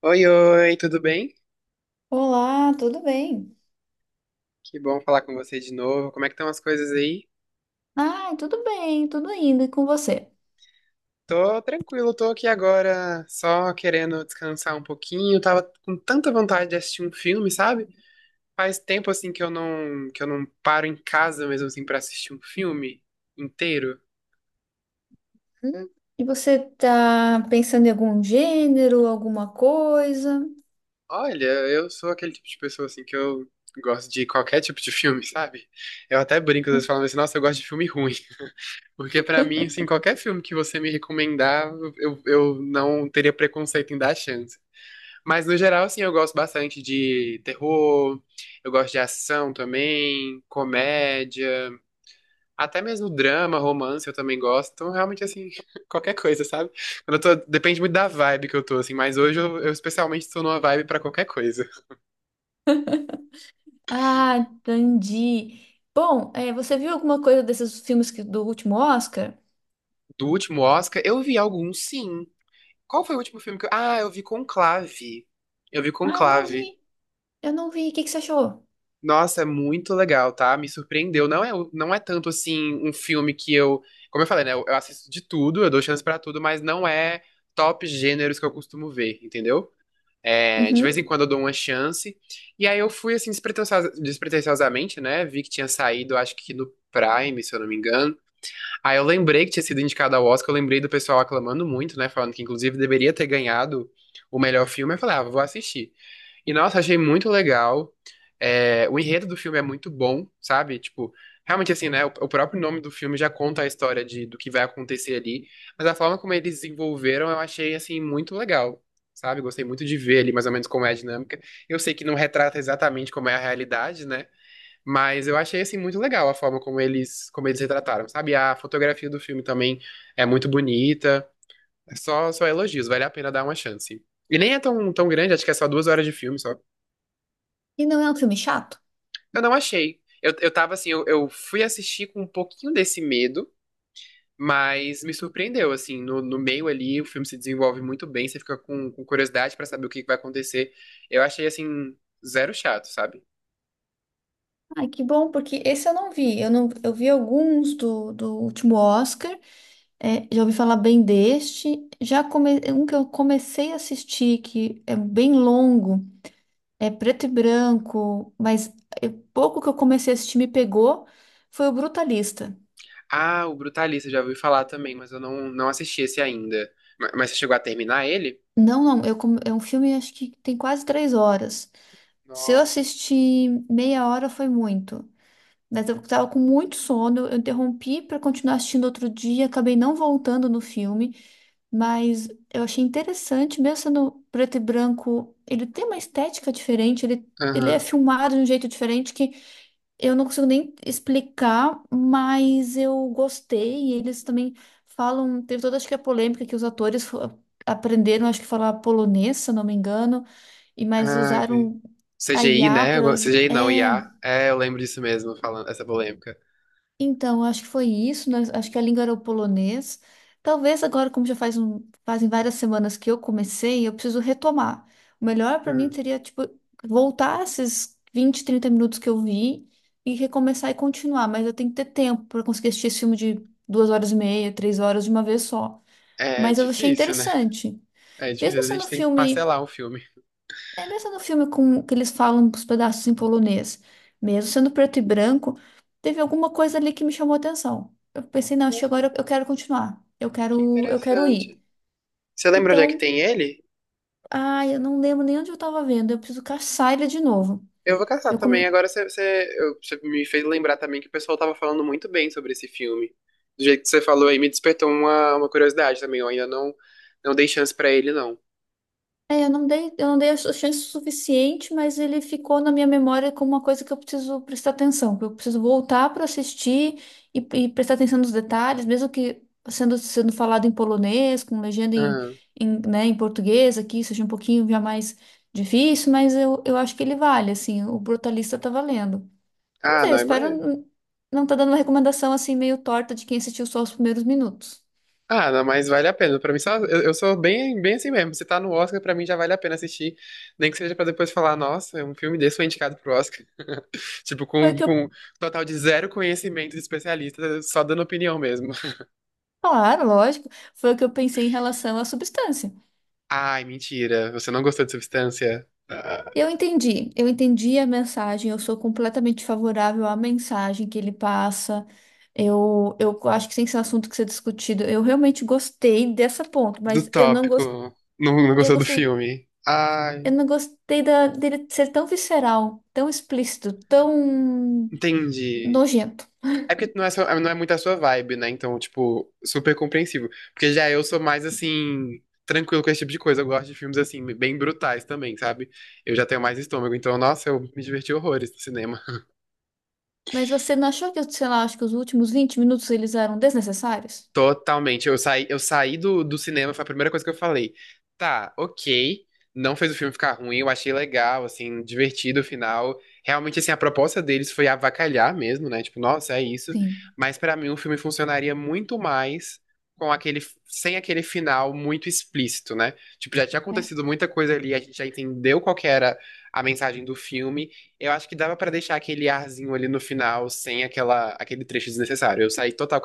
Oi, oi, tudo bem? Olá, tudo bem? Que bom falar com você de novo. Como é que estão as coisas aí? Ai, tudo bem, tudo indo, e com você? Tô tranquilo, tô aqui agora só querendo descansar um pouquinho. Tava com tanta vontade de assistir um filme, sabe? Faz tempo assim que eu não paro em casa mesmo assim para assistir um filme inteiro. Hum, E você tá pensando em algum gênero, alguma coisa? Olha, eu sou aquele tipo de pessoa assim que eu gosto de qualquer tipo de filme, sabe? Eu até brinco, às vezes falando assim, nossa, eu gosto de filme ruim. Porque pra mim, assim, qualquer filme que você me recomendar, eu não teria preconceito em dar chance. Mas no geral, assim, eu gosto bastante de terror, eu gosto de ação também, comédia, até mesmo drama, romance eu também gosto. Então, realmente, assim, qualquer coisa, sabe? Quando eu tô, depende muito da vibe que eu tô, assim, mas hoje eu especialmente tô numa vibe pra qualquer coisa. Ah, entendi. Bom, você viu alguma coisa desses filmes que- do último Oscar? Do último Oscar, eu vi alguns, sim. Qual foi o último filme que eu... Ah, eu vi Conclave. Eu vi Ah, eu não Conclave. vi, eu não vi. O que que você achou? Nossa, é muito legal, tá? Me surpreendeu. Não é tanto assim um filme que eu. Como eu falei, né? Eu assisto de tudo, eu dou chance pra tudo, mas não é top gêneros que eu costumo ver, entendeu? É, de vez em Uhum. quando eu dou uma chance. E aí eu fui assim, despretensiosamente, né? Vi que tinha saído, acho que no Prime, se eu não me engano. Aí eu lembrei que tinha sido indicado ao Oscar, eu lembrei do pessoal aclamando muito, né? Falando que inclusive deveria ter ganhado o melhor filme. Eu falei, ah, vou assistir. E nossa, achei muito legal. É, o enredo do filme é muito bom, sabe? Tipo, realmente assim, né? O próprio nome do filme já conta a história do que vai acontecer ali. Mas a forma como eles desenvolveram, eu achei assim muito legal. Sabe, gostei muito de ver ali mais ou menos como é a dinâmica. Eu sei que não retrata exatamente como é a realidade, né? Mas eu achei assim muito legal a forma como eles retrataram, sabe? A fotografia do filme também é muito bonita. É, só elogios, vale a pena dar uma chance. E nem é tão, tão grande, acho que é só 2 horas de filme só. E não é um filme chato? Eu não achei. eu tava assim, eu fui assistir com um pouquinho desse medo, mas me surpreendeu, assim, no meio ali o filme se desenvolve muito bem, você fica com curiosidade pra saber o que que vai acontecer. Eu achei assim, zero chato, sabe? Ai, que bom, porque esse eu não vi. Eu não, eu vi alguns do, do último Oscar. É, já ouvi falar bem deste. Um que eu comecei a assistir, que é bem longo, é preto e branco, mas é pouco que eu comecei a assistir me pegou, foi o Brutalista. Ah, o Brutalista, já ouvi falar também, mas eu não assisti esse ainda. Mas você chegou a terminar ele? Não, não, é um filme acho que tem quase 3 horas. Se eu Nossa. assistir meia hora foi muito. Mas eu estava com muito sono, eu interrompi para continuar assistindo outro dia, acabei não voltando no filme, mas eu achei interessante, mesmo sendo preto e branco, ele tem uma estética diferente, ele é Aham. filmado de um jeito diferente que eu não consigo nem explicar, mas eu gostei. E eles também falam, teve toda acho que a polêmica que os atores aprenderam, acho que falar polonês, se eu não me engano, e mas Ai, vi. usaram a CGI, IA né? para ajudar. CGI não, IA. É, eu lembro disso mesmo, falando essa polêmica. Então, acho que foi isso, né? Acho que a língua era o polonês. Talvez agora, como já fazem várias semanas que eu comecei, eu preciso retomar. O melhor para mim Uhum. seria, tipo, voltar esses 20, 30 minutos que eu vi e recomeçar e continuar, mas eu tenho que ter tempo para conseguir assistir esse filme de 2 horas e meia, 3 horas de uma vez só. É Mas eu achei difícil, né? interessante. É difícil, Mesmo às vezes a sendo um gente tem que filme. parcelar um filme. É mesmo no filme com que eles falam os pedaços em polonês, mesmo sendo preto e branco, teve alguma coisa ali que me chamou a atenção. Eu pensei, não, Nossa, chegou agora eu quero continuar. Eu que quero, eu quero ir. interessante. Você lembra onde é que Então, tem ele? ai, eu não lembro nem onde eu tava vendo. Eu preciso caçar ele de novo. Eu vou caçar Eu come- também. Agora você me fez lembrar também que o pessoal tava falando muito bem sobre esse filme. Do jeito que você falou aí, me despertou uma curiosidade também. Eu ainda não dei chance pra ele, não. É, eu não dei a chance suficiente, mas ele ficou na minha memória como uma coisa que eu preciso prestar atenção, que eu preciso voltar para assistir e prestar atenção nos detalhes, mesmo que sendo falado em polonês, com legenda Aham. Né, em português aqui, seja um pouquinho já mais difícil, mas eu acho que ele vale, assim, o Brutalista tá valendo. Vamos Ah, ver, eu não, é espero mais. Não tá dando uma recomendação assim meio torta de quem assistiu só os primeiros minutos. Ah, não, mas vale a pena. Pra mim, só, eu sou bem, bem assim mesmo. Se tá no Oscar, pra mim já vale a pena assistir. Nem que seja pra depois falar, nossa, é um filme desse foi indicado pro Oscar. Tipo, Foi o com, que eu, com total de zero conhecimento de especialista, só dando opinião mesmo. Claro, lógico, foi o que eu pensei em relação à substância. Ai, mentira. Você não gostou de Substância? Ah. Eu entendi a mensagem, eu sou completamente favorável à mensagem que ele passa. Eu acho que tem que ser um assunto que ser discutido. Eu realmente gostei dessa ponto, Do mas eu não gostei, tópico. Não eu gostou do gostei, filme. eu Ai, não gostei dele ser tão visceral, tão explícito, tão entendi. nojento. É porque não é, não é muito a sua vibe, né? Então, tipo, super compreensível. Porque já eu sou mais, assim, tranquilo com esse tipo de coisa. Eu gosto de filmes, assim, bem brutais também, sabe? Eu já tenho mais estômago. Então, nossa, eu me diverti horrores no cinema. Mas você não achou que, sei lá, acho que os últimos 20 minutos eles eram desnecessários? Totalmente. Eu saí do cinema, foi a primeira coisa que eu falei. Tá, ok. Não fez o filme ficar ruim, eu achei legal, assim, divertido o final. Realmente, assim, a proposta deles foi avacalhar mesmo, né? Tipo, nossa, é isso. Sim. Mas pra mim o filme funcionaria muito mais com aquele, sem aquele final muito explícito, né? Tipo, já tinha É. acontecido muita coisa ali, a gente já entendeu qual que era a mensagem do filme. Eu acho que dava pra deixar aquele arzinho ali no final sem aquele trecho desnecessário. Eu saí total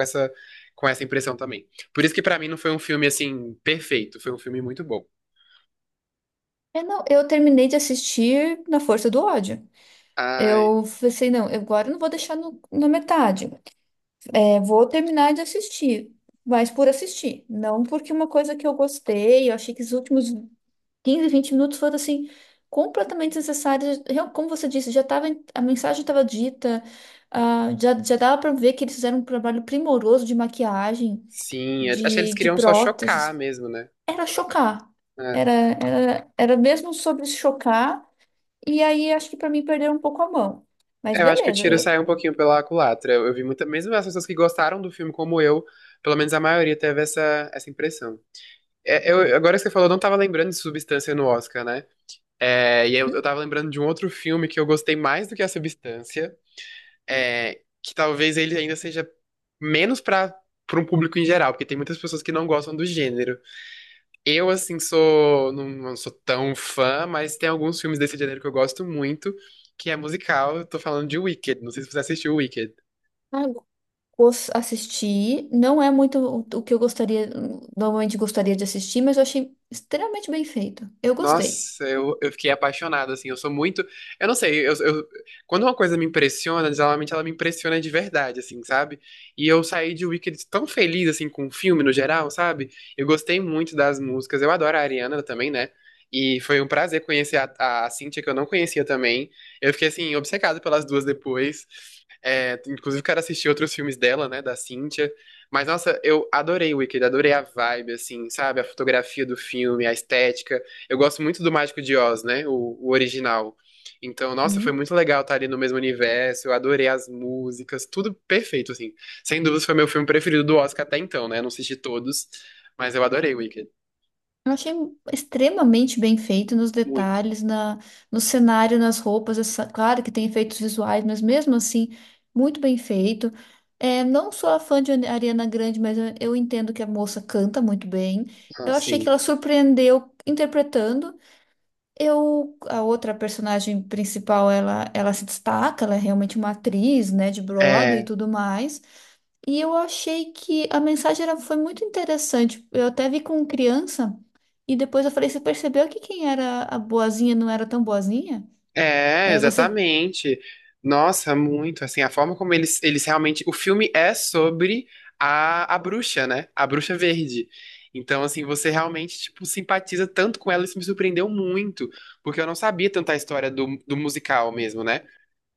com essa impressão também. Por isso que pra mim não foi um filme assim perfeito, foi um filme muito bom. Eu não, eu terminei de assistir na força do ódio. Ai, Eu pensei, não, agora eu não vou deixar no, na metade. É, vou terminar de assistir, mas por assistir, não porque uma coisa que eu gostei, eu achei que os últimos 15, 20 minutos foram assim completamente desnecessários. Real- Como você disse, já tava, em- a mensagem estava dita, ah, já, já dava para ver que eles fizeram um trabalho primoroso de maquiagem, sim, acho que eles de queriam só chocar próteses. mesmo, né? Era chocar. É. Era mesmo sobre chocar, e aí acho que para mim perderam um pouco a mão. Mas Eu acho que o beleza, tiro eu. saiu um pouquinho pela culatra. Eu vi muita, mesmo as pessoas que gostaram do filme como eu, pelo menos a maioria teve essa impressão. É, agora que você falou, eu não tava lembrando de Substância no Oscar, né? É, e eu tava lembrando de um outro filme que eu gostei mais do que a Substância, é, que talvez ele ainda seja menos pra, um público em geral, porque tem muitas pessoas que não gostam do gênero. Eu, assim, sou. Não sou tão fã, mas tem alguns filmes desse gênero que eu gosto muito, que é musical. Eu tô falando de Wicked. Não sei se você assistiu Wicked. Hum? Assisti. Não é muito o que eu gostaria, normalmente gostaria de assistir, mas eu achei extremamente bem feito. Eu gostei. Nossa, eu fiquei apaixonado, assim, eu sou muito, eu não sei, quando uma coisa me impressiona, geralmente ela me impressiona de verdade, assim, sabe? E eu saí de Wicked tão feliz, assim, com o filme no geral, sabe? Eu gostei muito das músicas, eu adoro a Ariana também, né? E foi um prazer conhecer a Cynthia, que eu não conhecia também, eu fiquei, assim, obcecado pelas duas depois, é, inclusive quero assistir outros filmes dela, né, da Cynthia, mas, nossa, eu adorei Wicked, adorei a vibe, assim, sabe? A fotografia do filme, a estética, eu gosto muito do Mágico de Oz, né? O original. Então, nossa, foi Hum. muito legal estar ali no mesmo universo. Eu adorei as músicas, tudo perfeito, assim. Sem dúvidas, foi meu filme preferido do Oscar até então, né? Não assisti todos, mas eu adorei Wicked. Eu achei extremamente bem feito nos Muito. detalhes, na, no cenário, nas roupas. Essa, claro que tem efeitos visuais, mas mesmo assim, muito bem feito. É, não sou a fã de Ariana Grande, mas eu entendo que a moça canta muito bem. Eu achei que Assim. ela surpreendeu interpretando. Eu, a outra personagem principal, ela se destaca, ela é realmente uma atriz, né, de Broadway e É. tudo mais. E eu achei que a mensagem era, foi muito interessante. Eu até vi com criança e depois eu falei, você percebeu que quem era a boazinha não era tão boazinha? É, Aí você, exatamente. Nossa, muito, assim, a forma como eles realmente... O filme é sobre a bruxa, né? A bruxa verde. Então, assim, você realmente, tipo, simpatiza tanto com ela, isso me surpreendeu muito, porque eu não sabia tanto a história do musical mesmo, né?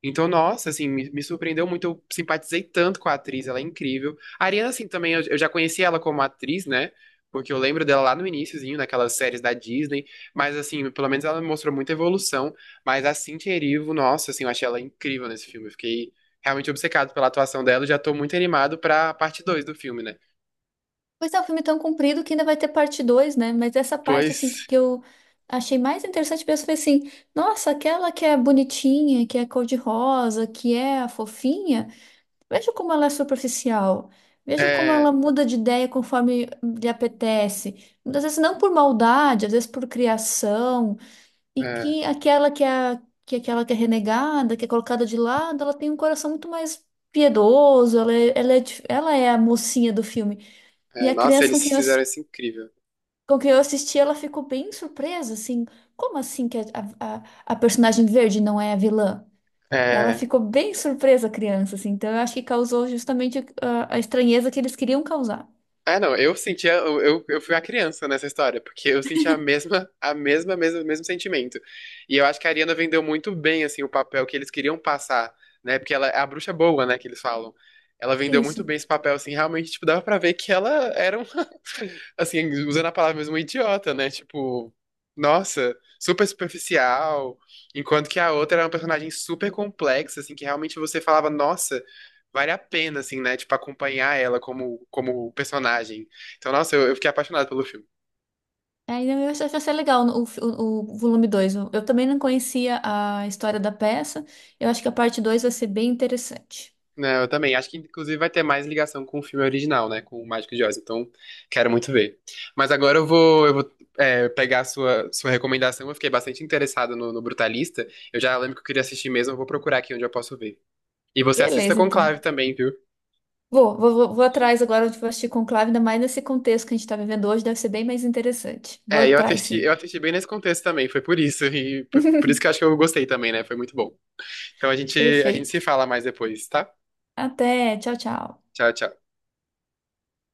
Então, nossa, assim, me surpreendeu muito. Eu simpatizei tanto com a atriz, ela é incrível. A Ariana, assim, também, eu já conheci ela como atriz, né? Porque eu lembro dela lá no iniciozinho, naquelas séries da Disney. Mas, assim, pelo menos ela mostrou muita evolução. Mas a Cynthia Erivo, nossa, assim, eu achei ela incrível nesse filme. Eu fiquei realmente obcecado pela atuação dela. E já tô muito animado pra parte dois do filme, né? pois é, um filme é tão comprido que ainda vai ter parte dois, né? Mas essa parte, assim, Pois, que eu achei mais interessante mesmo foi assim, nossa, aquela que é bonitinha, que é cor-de-rosa, que é a fofinha. Veja como ela é superficial. Veja como ela é, muda de ideia conforme lhe apetece. Muitas vezes não por maldade, às vezes por criação. E é, que aquela que é aquela que é renegada, que é colocada de lado, ela tem um coração muito mais piedoso. Ela é a mocinha do filme. E é, a nossa, criança com eles quem fizeram isso incrível. com quem eu assisti, ela ficou bem surpresa, assim. Como assim que a personagem verde não é a vilã? Ela É. ficou bem surpresa, a criança, assim. Então, eu acho que causou justamente a estranheza que eles queriam causar. Ah, não, eu sentia, eu fui uma criança nessa história, porque eu sentia mesmo sentimento. E eu acho que a Ariana vendeu muito bem, assim, o papel que eles queriam passar, né? Porque ela é a bruxa boa, né, que eles falam. Ela É vendeu isso. muito bem esse papel, assim, realmente, tipo, dava pra ver que ela era assim, usando a palavra mesmo, um idiota, né? Tipo, nossa, super superficial. Enquanto que a outra era uma personagem super complexa, assim, que realmente você falava, nossa, vale a pena, assim, né? Tipo, acompanhar ela como personagem. Então, nossa, eu fiquei apaixonado pelo filme. Aí eu acho que vai ser legal o volume dois. Eu também não conhecia a história da peça. Eu acho que a parte 2 vai ser bem interessante. Né, eu também. Acho que, inclusive, vai ter mais ligação com o filme original, né? Com o Mágico de Oz. Então, quero muito ver. Mas agora eu vou pegar a sua recomendação. Eu fiquei bastante interessado no Brutalista. Eu já lembro que eu queria assistir mesmo. Eu vou procurar aqui onde eu posso ver. E você assista Beleza, então. Conclave também, viu? Vou atrás agora de assistir Conclave, ainda mais nesse contexto que a gente está vivendo hoje, deve ser bem mais interessante. Vou É, eu atrás, assisti, eu sim. assisti bem nesse contexto também, foi por isso, e por isso que eu acho que eu gostei também, né? Foi muito bom. Então a gente se Perfeito. fala mais depois, tá? Até, tchau, tchau. Tchau, tchau.